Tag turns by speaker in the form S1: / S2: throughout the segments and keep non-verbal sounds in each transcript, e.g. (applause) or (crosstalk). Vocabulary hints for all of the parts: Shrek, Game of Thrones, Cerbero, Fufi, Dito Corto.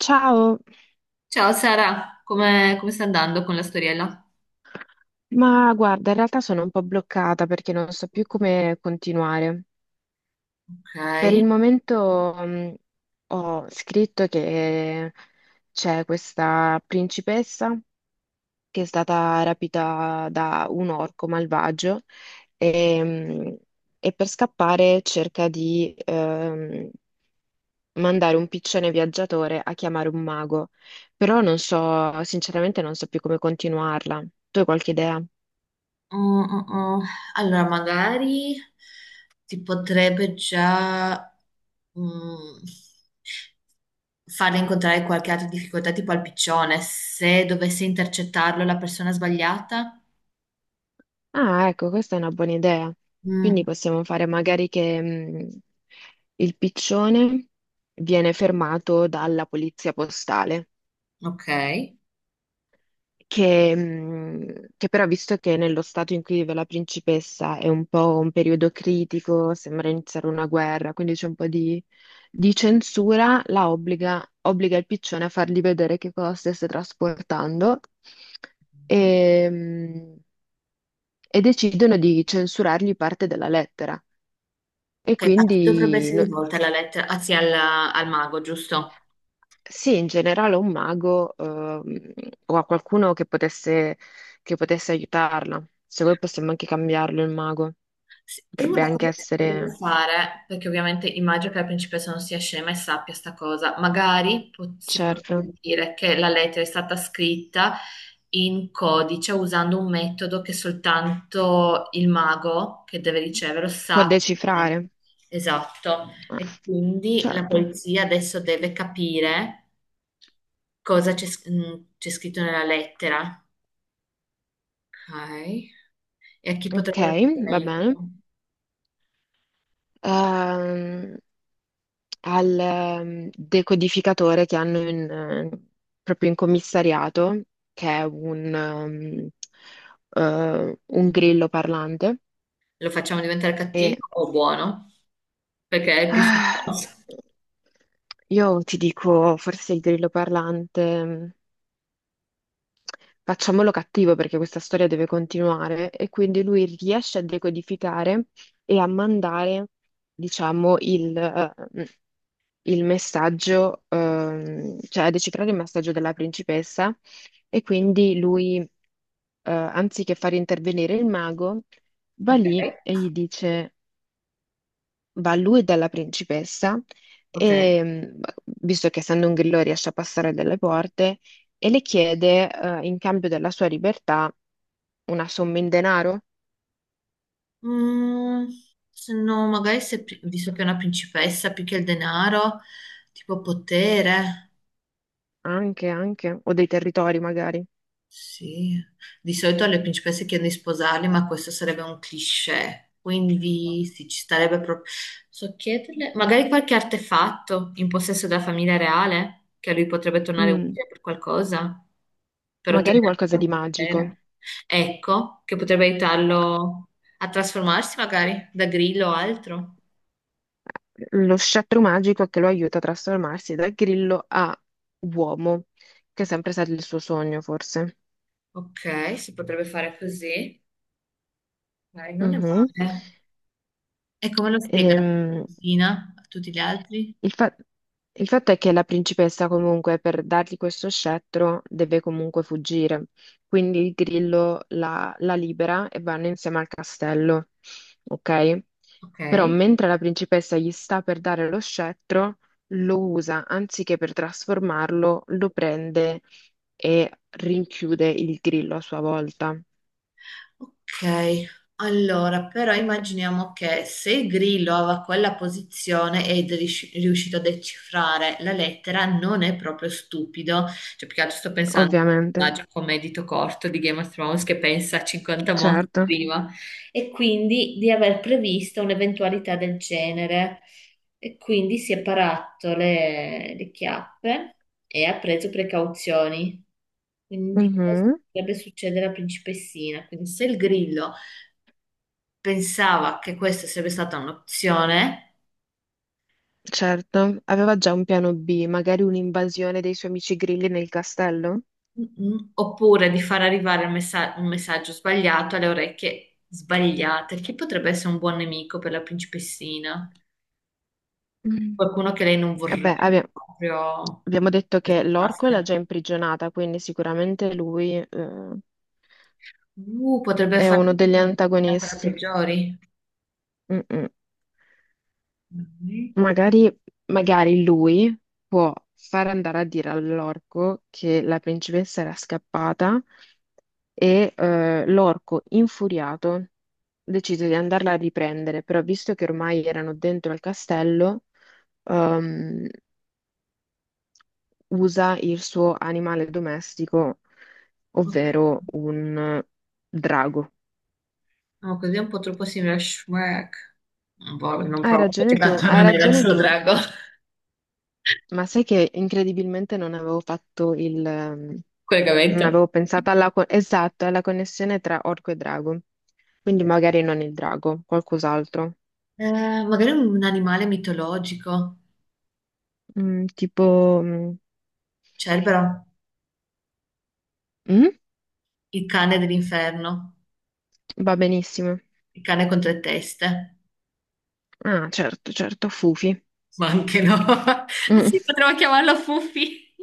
S1: Ciao,
S2: Ciao Sara, come sta andando con la storiella?
S1: ma guarda, in realtà sono un po' bloccata perché non so più come continuare. Per il
S2: Ok.
S1: momento ho scritto che c'è questa principessa che è stata rapita da un orco malvagio e e per scappare cerca di mandare un piccione viaggiatore a chiamare un mago, però non so, sinceramente non so più come continuarla. Tu hai qualche idea?
S2: Mm, mm, mm. Allora, magari ti potrebbe già mm, farle incontrare qualche altra difficoltà, tipo al piccione, se dovesse intercettarlo la persona sbagliata.
S1: Ah, ecco, questa è una buona idea. Quindi
S2: Mm,
S1: possiamo fare magari che il piccione viene fermato dalla polizia postale,
S2: ok.
S1: che però visto che nello stato in cui vive la principessa è un po' un periodo critico, sembra iniziare una guerra, quindi c'è un po' di censura, la obbliga, obbliga il piccione a fargli vedere che cosa stesse trasportando e e decidono di censurargli parte della lettera. E
S2: Ok, a chi dovrebbe
S1: quindi
S2: essere rivolta la lettera? Anzi, al mago, giusto?
S1: sì, in generale un mago o a qualcuno che potesse aiutarla. Se voi possiamo anche cambiarlo il mago,
S2: Sì, e una
S1: potrebbe anche
S2: cosa che si potrebbe
S1: essere,
S2: fare, perché ovviamente immagino che la principessa non sia scema e sappia sta cosa, magari si
S1: certo,
S2: potrebbe dire che la lettera è stata scritta in codice usando un metodo che soltanto il mago che deve riceverlo
S1: può
S2: sa. Com'è.
S1: decifrare.
S2: Esatto.
S1: Ah,
S2: E quindi la
S1: certo,
S2: polizia adesso deve capire cosa c'è scritto nella lettera. Ok. E a chi
S1: ok,
S2: potrebbero chiedere
S1: va bene.
S2: aiuto?
S1: Ehm, al decodificatore che hanno in, proprio in commissariato, che è un grillo parlante.
S2: Lo facciamo diventare
S1: E
S2: cattivo o buono? Perché è più
S1: ah,
S2: sostanza.
S1: io ti dico, forse il grillo parlante, facciamolo cattivo perché questa storia deve continuare e quindi lui riesce a decodificare e a mandare, diciamo, il il messaggio, cioè a decifrare il messaggio della principessa e quindi lui, anziché far intervenire il mago, va lì
S2: Ok.
S1: e gli dice... va a lui e dalla principessa,
S2: Ok.
S1: e visto che essendo un grillo riesce a passare delle porte, e le chiede, in cambio della sua libertà, una somma in denaro,
S2: Mm, se no, magari se, pri- visto che è una principessa più che il denaro, tipo potere.
S1: anche, anche, o dei territori magari.
S2: Sì, di solito alle principesse chiedono di sposarli, ma questo sarebbe un cliché, quindi sì, ci starebbe proprio... So chiederle, magari qualche artefatto in possesso della famiglia reale, che a lui potrebbe tornare
S1: Mm,
S2: utile per qualcosa, per
S1: magari
S2: ottenere
S1: qualcosa di
S2: il
S1: magico.
S2: potere. Ecco, che potrebbe aiutarlo a trasformarsi magari da grillo o altro.
S1: Lo scettro magico che lo aiuta a trasformarsi da grillo a uomo, che è sempre stato il suo sogno, forse.
S2: Ok, si potrebbe fare così, dai, non è
S1: Mhm.
S2: male. E come lo spiega la
S1: Ehm,
S2: cugina a tutti gli altri?
S1: Il fa- il fatto è che la principessa comunque per dargli questo scettro deve comunque fuggire, quindi il grillo la libera e vanno insieme al castello, ok?
S2: Ok.
S1: Però mentre la principessa gli sta per dare lo scettro, lo usa, anziché per trasformarlo, lo prende e rinchiude il grillo a sua volta,
S2: Ok, allora però immaginiamo che se il grillo aveva quella posizione ed è riuscito a decifrare la lettera, non è proprio stupido. Cioè, più che altro sto pensando a un
S1: ovviamente,
S2: personaggio come Dito Corto di Game of Thrones che pensa a 50 modi
S1: certo.
S2: prima e quindi di aver previsto un'eventualità del genere. E quindi si è parato le chiappe e ha preso precauzioni. Quindi cosa
S1: Mhm.
S2: potrebbe succedere alla principessina? Quindi se il grillo pensava che questa sarebbe stata un'opzione,
S1: Certo, aveva già un piano B, magari un'invasione dei suoi amici grilli nel castello?
S2: mm-mm, oppure di far arrivare un messaggio sbagliato alle orecchie sbagliate, chi potrebbe essere un buon nemico per la principessina?
S1: Mm.
S2: Qualcuno che lei non
S1: Vabbè,
S2: vorrebbe
S1: abbia-
S2: proprio
S1: abbiamo detto
S2: che
S1: che l'orco l'ha
S2: passasse.
S1: già imprigionata, quindi sicuramente lui,
S2: Potrebbe
S1: è
S2: fare
S1: uno degli
S2: ancora
S1: antagonisti.
S2: peggiori.
S1: Mm-mm.
S2: Mm,
S1: Magari, magari lui può far andare a dire all'orco che la principessa era scappata e l'orco, infuriato, decise di andarla a riprendere, però visto che ormai erano dentro al castello, ehm, usa il suo animale domestico,
S2: ok.
S1: ovvero un drago.
S2: No, così è un po' troppo simile a Shrek. Boh, non proprio, perché tanto
S1: Hai
S2: non era il
S1: ragione
S2: suo
S1: tu,
S2: drago.
S1: ma sai che incredibilmente non avevo fatto il... non
S2: Collegamento.
S1: avevo pensato alla, esatto, alla connessione tra orco e drago, quindi magari non il drago, qualcos'altro.
S2: Eh, magari un animale mitologico.
S1: Mm, tipo... mm,
S2: Cerbero,
S1: mm?
S2: il cane dell'inferno,
S1: Va benissimo.
S2: il cane con tre teste.
S1: Ah, certo, certo, Fufi.
S2: Ma anche no. (laughs)
S1: Mm,
S2: Sì, potremmo chiamarlo Fuffi,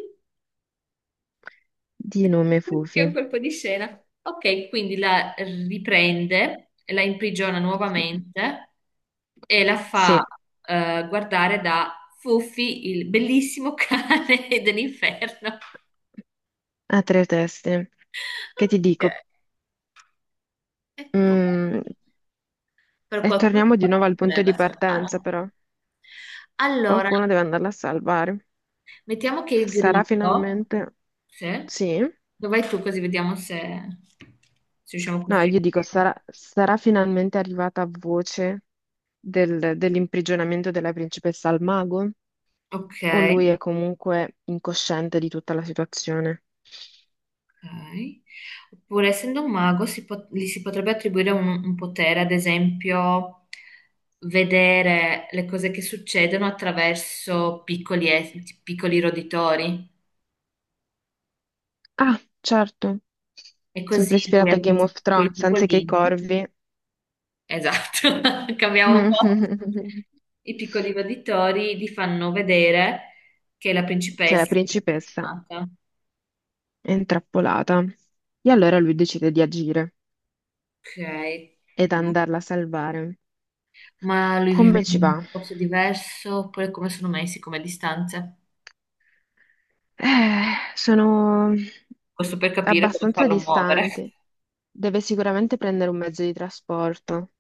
S1: di nome
S2: che
S1: Fufi.
S2: è un colpo di scena. Ok, quindi la riprende, la imprigiona nuovamente e la fa
S1: Sì.
S2: guardare da Fuffi, il bellissimo cane (laughs) dell'inferno.
S1: A tre teste. Che ti
S2: Ok,
S1: dico?
S2: e poi...
S1: Mm,
S2: per
S1: e
S2: qualcuno che
S1: torniamo di nuovo
S2: possa
S1: al punto di
S2: volerla
S1: partenza,
S2: salvare.
S1: però.
S2: Allora,
S1: Qualcuno deve andarla a salvare.
S2: mettiamo che il
S1: Sarà
S2: grillo,
S1: finalmente...
S2: sì,
S1: Sì?
S2: dove vai tu così vediamo se, se riusciamo a
S1: No,
S2: costruire
S1: io dico,
S2: bene.
S1: sarà, sarà finalmente arrivata a voce dell'imprigionamento della principessa al mago?
S2: Ok,
S1: O lui è comunque incosciente di tutta la situazione?
S2: ok. Oppure, essendo un mago, gli si potrebbe attribuire un potere, ad esempio, vedere le cose che succedono attraverso piccoli roditori.
S1: Ah, certo.
S2: E
S1: Sempre
S2: così lui
S1: ispirata a Game
S2: attraverso
S1: of
S2: piccoli
S1: Thrones, anziché ai
S2: topolini.
S1: corvi.
S2: Esatto, (laughs) cambiamo un po'.
S1: (laughs)
S2: I piccoli roditori gli fanno vedere che la
S1: Che è la
S2: principessa è
S1: principessa
S2: nata.
S1: è intrappolata. E allora lui decide di agire
S2: Ok.
S1: ed andarla a salvare.
S2: Ma lui
S1: Come
S2: vive in
S1: ci
S2: un
S1: va?
S2: posto diverso, oppure come sono messi come distanze?
S1: Sono
S2: Questo per capire come
S1: abbastanza
S2: farlo muovere.
S1: distanti. Deve sicuramente prendere un mezzo di trasporto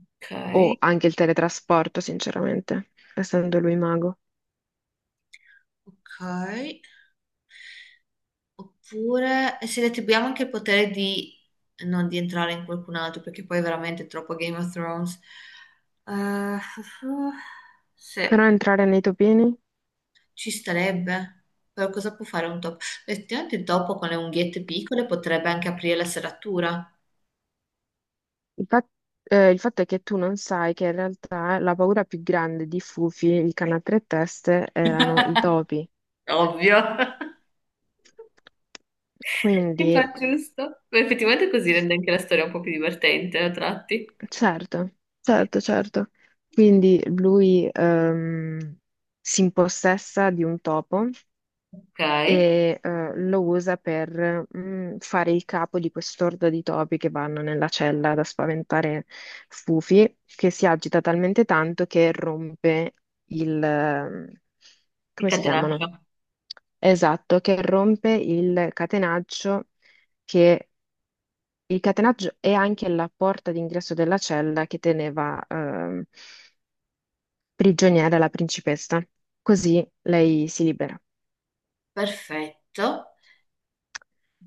S2: Ok,
S1: o anche il teletrasporto, sinceramente, essendo lui mago.
S2: ok. Oppure se le attribuiamo anche il potere di non di entrare in qualcun altro, perché poi è veramente troppo Game of Thrones. Eh, (laughs) sì.
S1: Però entrare nei topini?
S2: Ci starebbe, però cosa può fare un topo? Effettivamente il topo con le unghiette piccole potrebbe anche aprire la serratura.
S1: Il fa- il fatto è che tu non sai che in realtà la paura più grande di Fufi, il cane a tre teste, erano i topi.
S2: Ovvio, (laughs) mi
S1: Quindi
S2: fa giusto. Ma effettivamente così rende anche la storia un po' più divertente a tratti.
S1: certo, certo, certo. Quindi lui si impossessa di un topo
S2: Ok,
S1: e lo usa per fare il capo di quest'orda di topi che vanno nella cella da spaventare Fufi, che si agita talmente tanto che rompe il...
S2: il
S1: come si chiamano?
S2: catenaccio.
S1: Esatto, che rompe il catenaccio che il catenaggio è anche la porta d'ingresso della cella che teneva prigioniera la principessa, così lei si libera.
S2: Perfetto,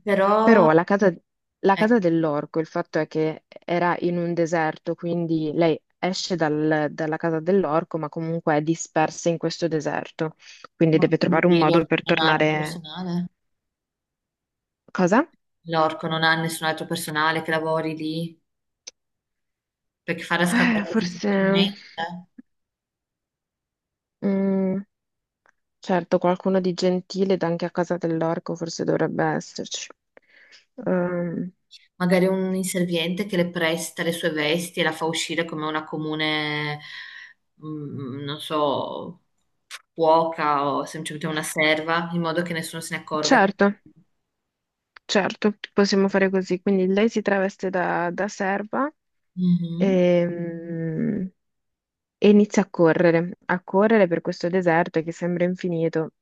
S2: però
S1: Però la
S2: ecco,
S1: casa dell'orco, il fatto è che era in un deserto, quindi lei esce dalla casa dell'orco, ma comunque è dispersa in questo deserto, quindi
S2: ma
S1: deve trovare un
S2: quindi
S1: modo
S2: l'orco
S1: per
S2: non ha altro
S1: tornare.
S2: personale?
S1: Cosa?
S2: L'orco non ha nessun altro personale che lavori lì perché farà scappare così
S1: Forse...
S2: facilmente.
S1: mm, certo, qualcuno di gentile ed anche a casa dell'orco forse dovrebbe esserci. Ehm,
S2: Magari un inserviente che le presta le sue vesti e la fa uscire come una comune, mm, non so, cuoca o semplicemente una serva, in modo che nessuno se ne accorga.
S1: certo, certo, possiamo fare così. Quindi lei si traveste da, da serva
S2: Mhm.
S1: ehm, e, inizia a correre per questo deserto che sembra infinito,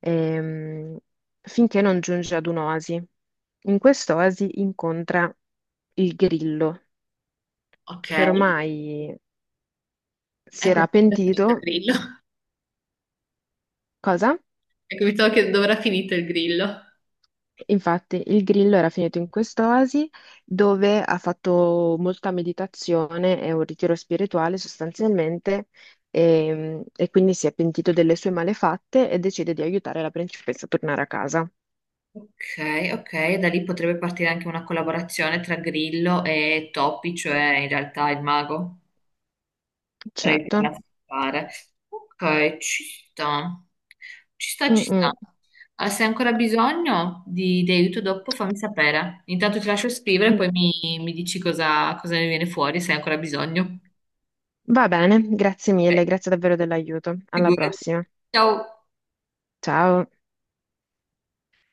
S1: ehm, finché non giunge ad un'oasi. In quest'oasi incontra il grillo,
S2: Ok,
S1: che ormai si
S2: ecco
S1: era
S2: dove è
S1: pentito.
S2: finito il grillo. (laughs)
S1: Cosa?
S2: Ecco, mi stavo chiedendo dove era finito il grillo.
S1: Infatti, il Grillo era finito in quest'oasi dove ha fatto molta meditazione e un ritiro spirituale sostanzialmente e quindi si è pentito delle sue malefatte e decide di aiutare la principessa a tornare a casa.
S2: Ok, ok, da lì potrebbe partire anche una collaborazione tra Grillo e Topi, cioè in realtà il mago. Potrei
S1: Certo.
S2: fare. Ok, ci sta. Ci sta, ci
S1: Mm,
S2: sta.
S1: mm,
S2: Ah, se hai ancora bisogno di aiuto dopo, fammi sapere. Intanto ti lascio scrivere,
S1: mm.
S2: poi mi dici cosa ne viene fuori, se hai ancora bisogno.
S1: Va bene, grazie
S2: Ok,
S1: mille, grazie davvero dell'aiuto. Alla
S2: figurati.
S1: prossima.
S2: Ciao.
S1: Ciao.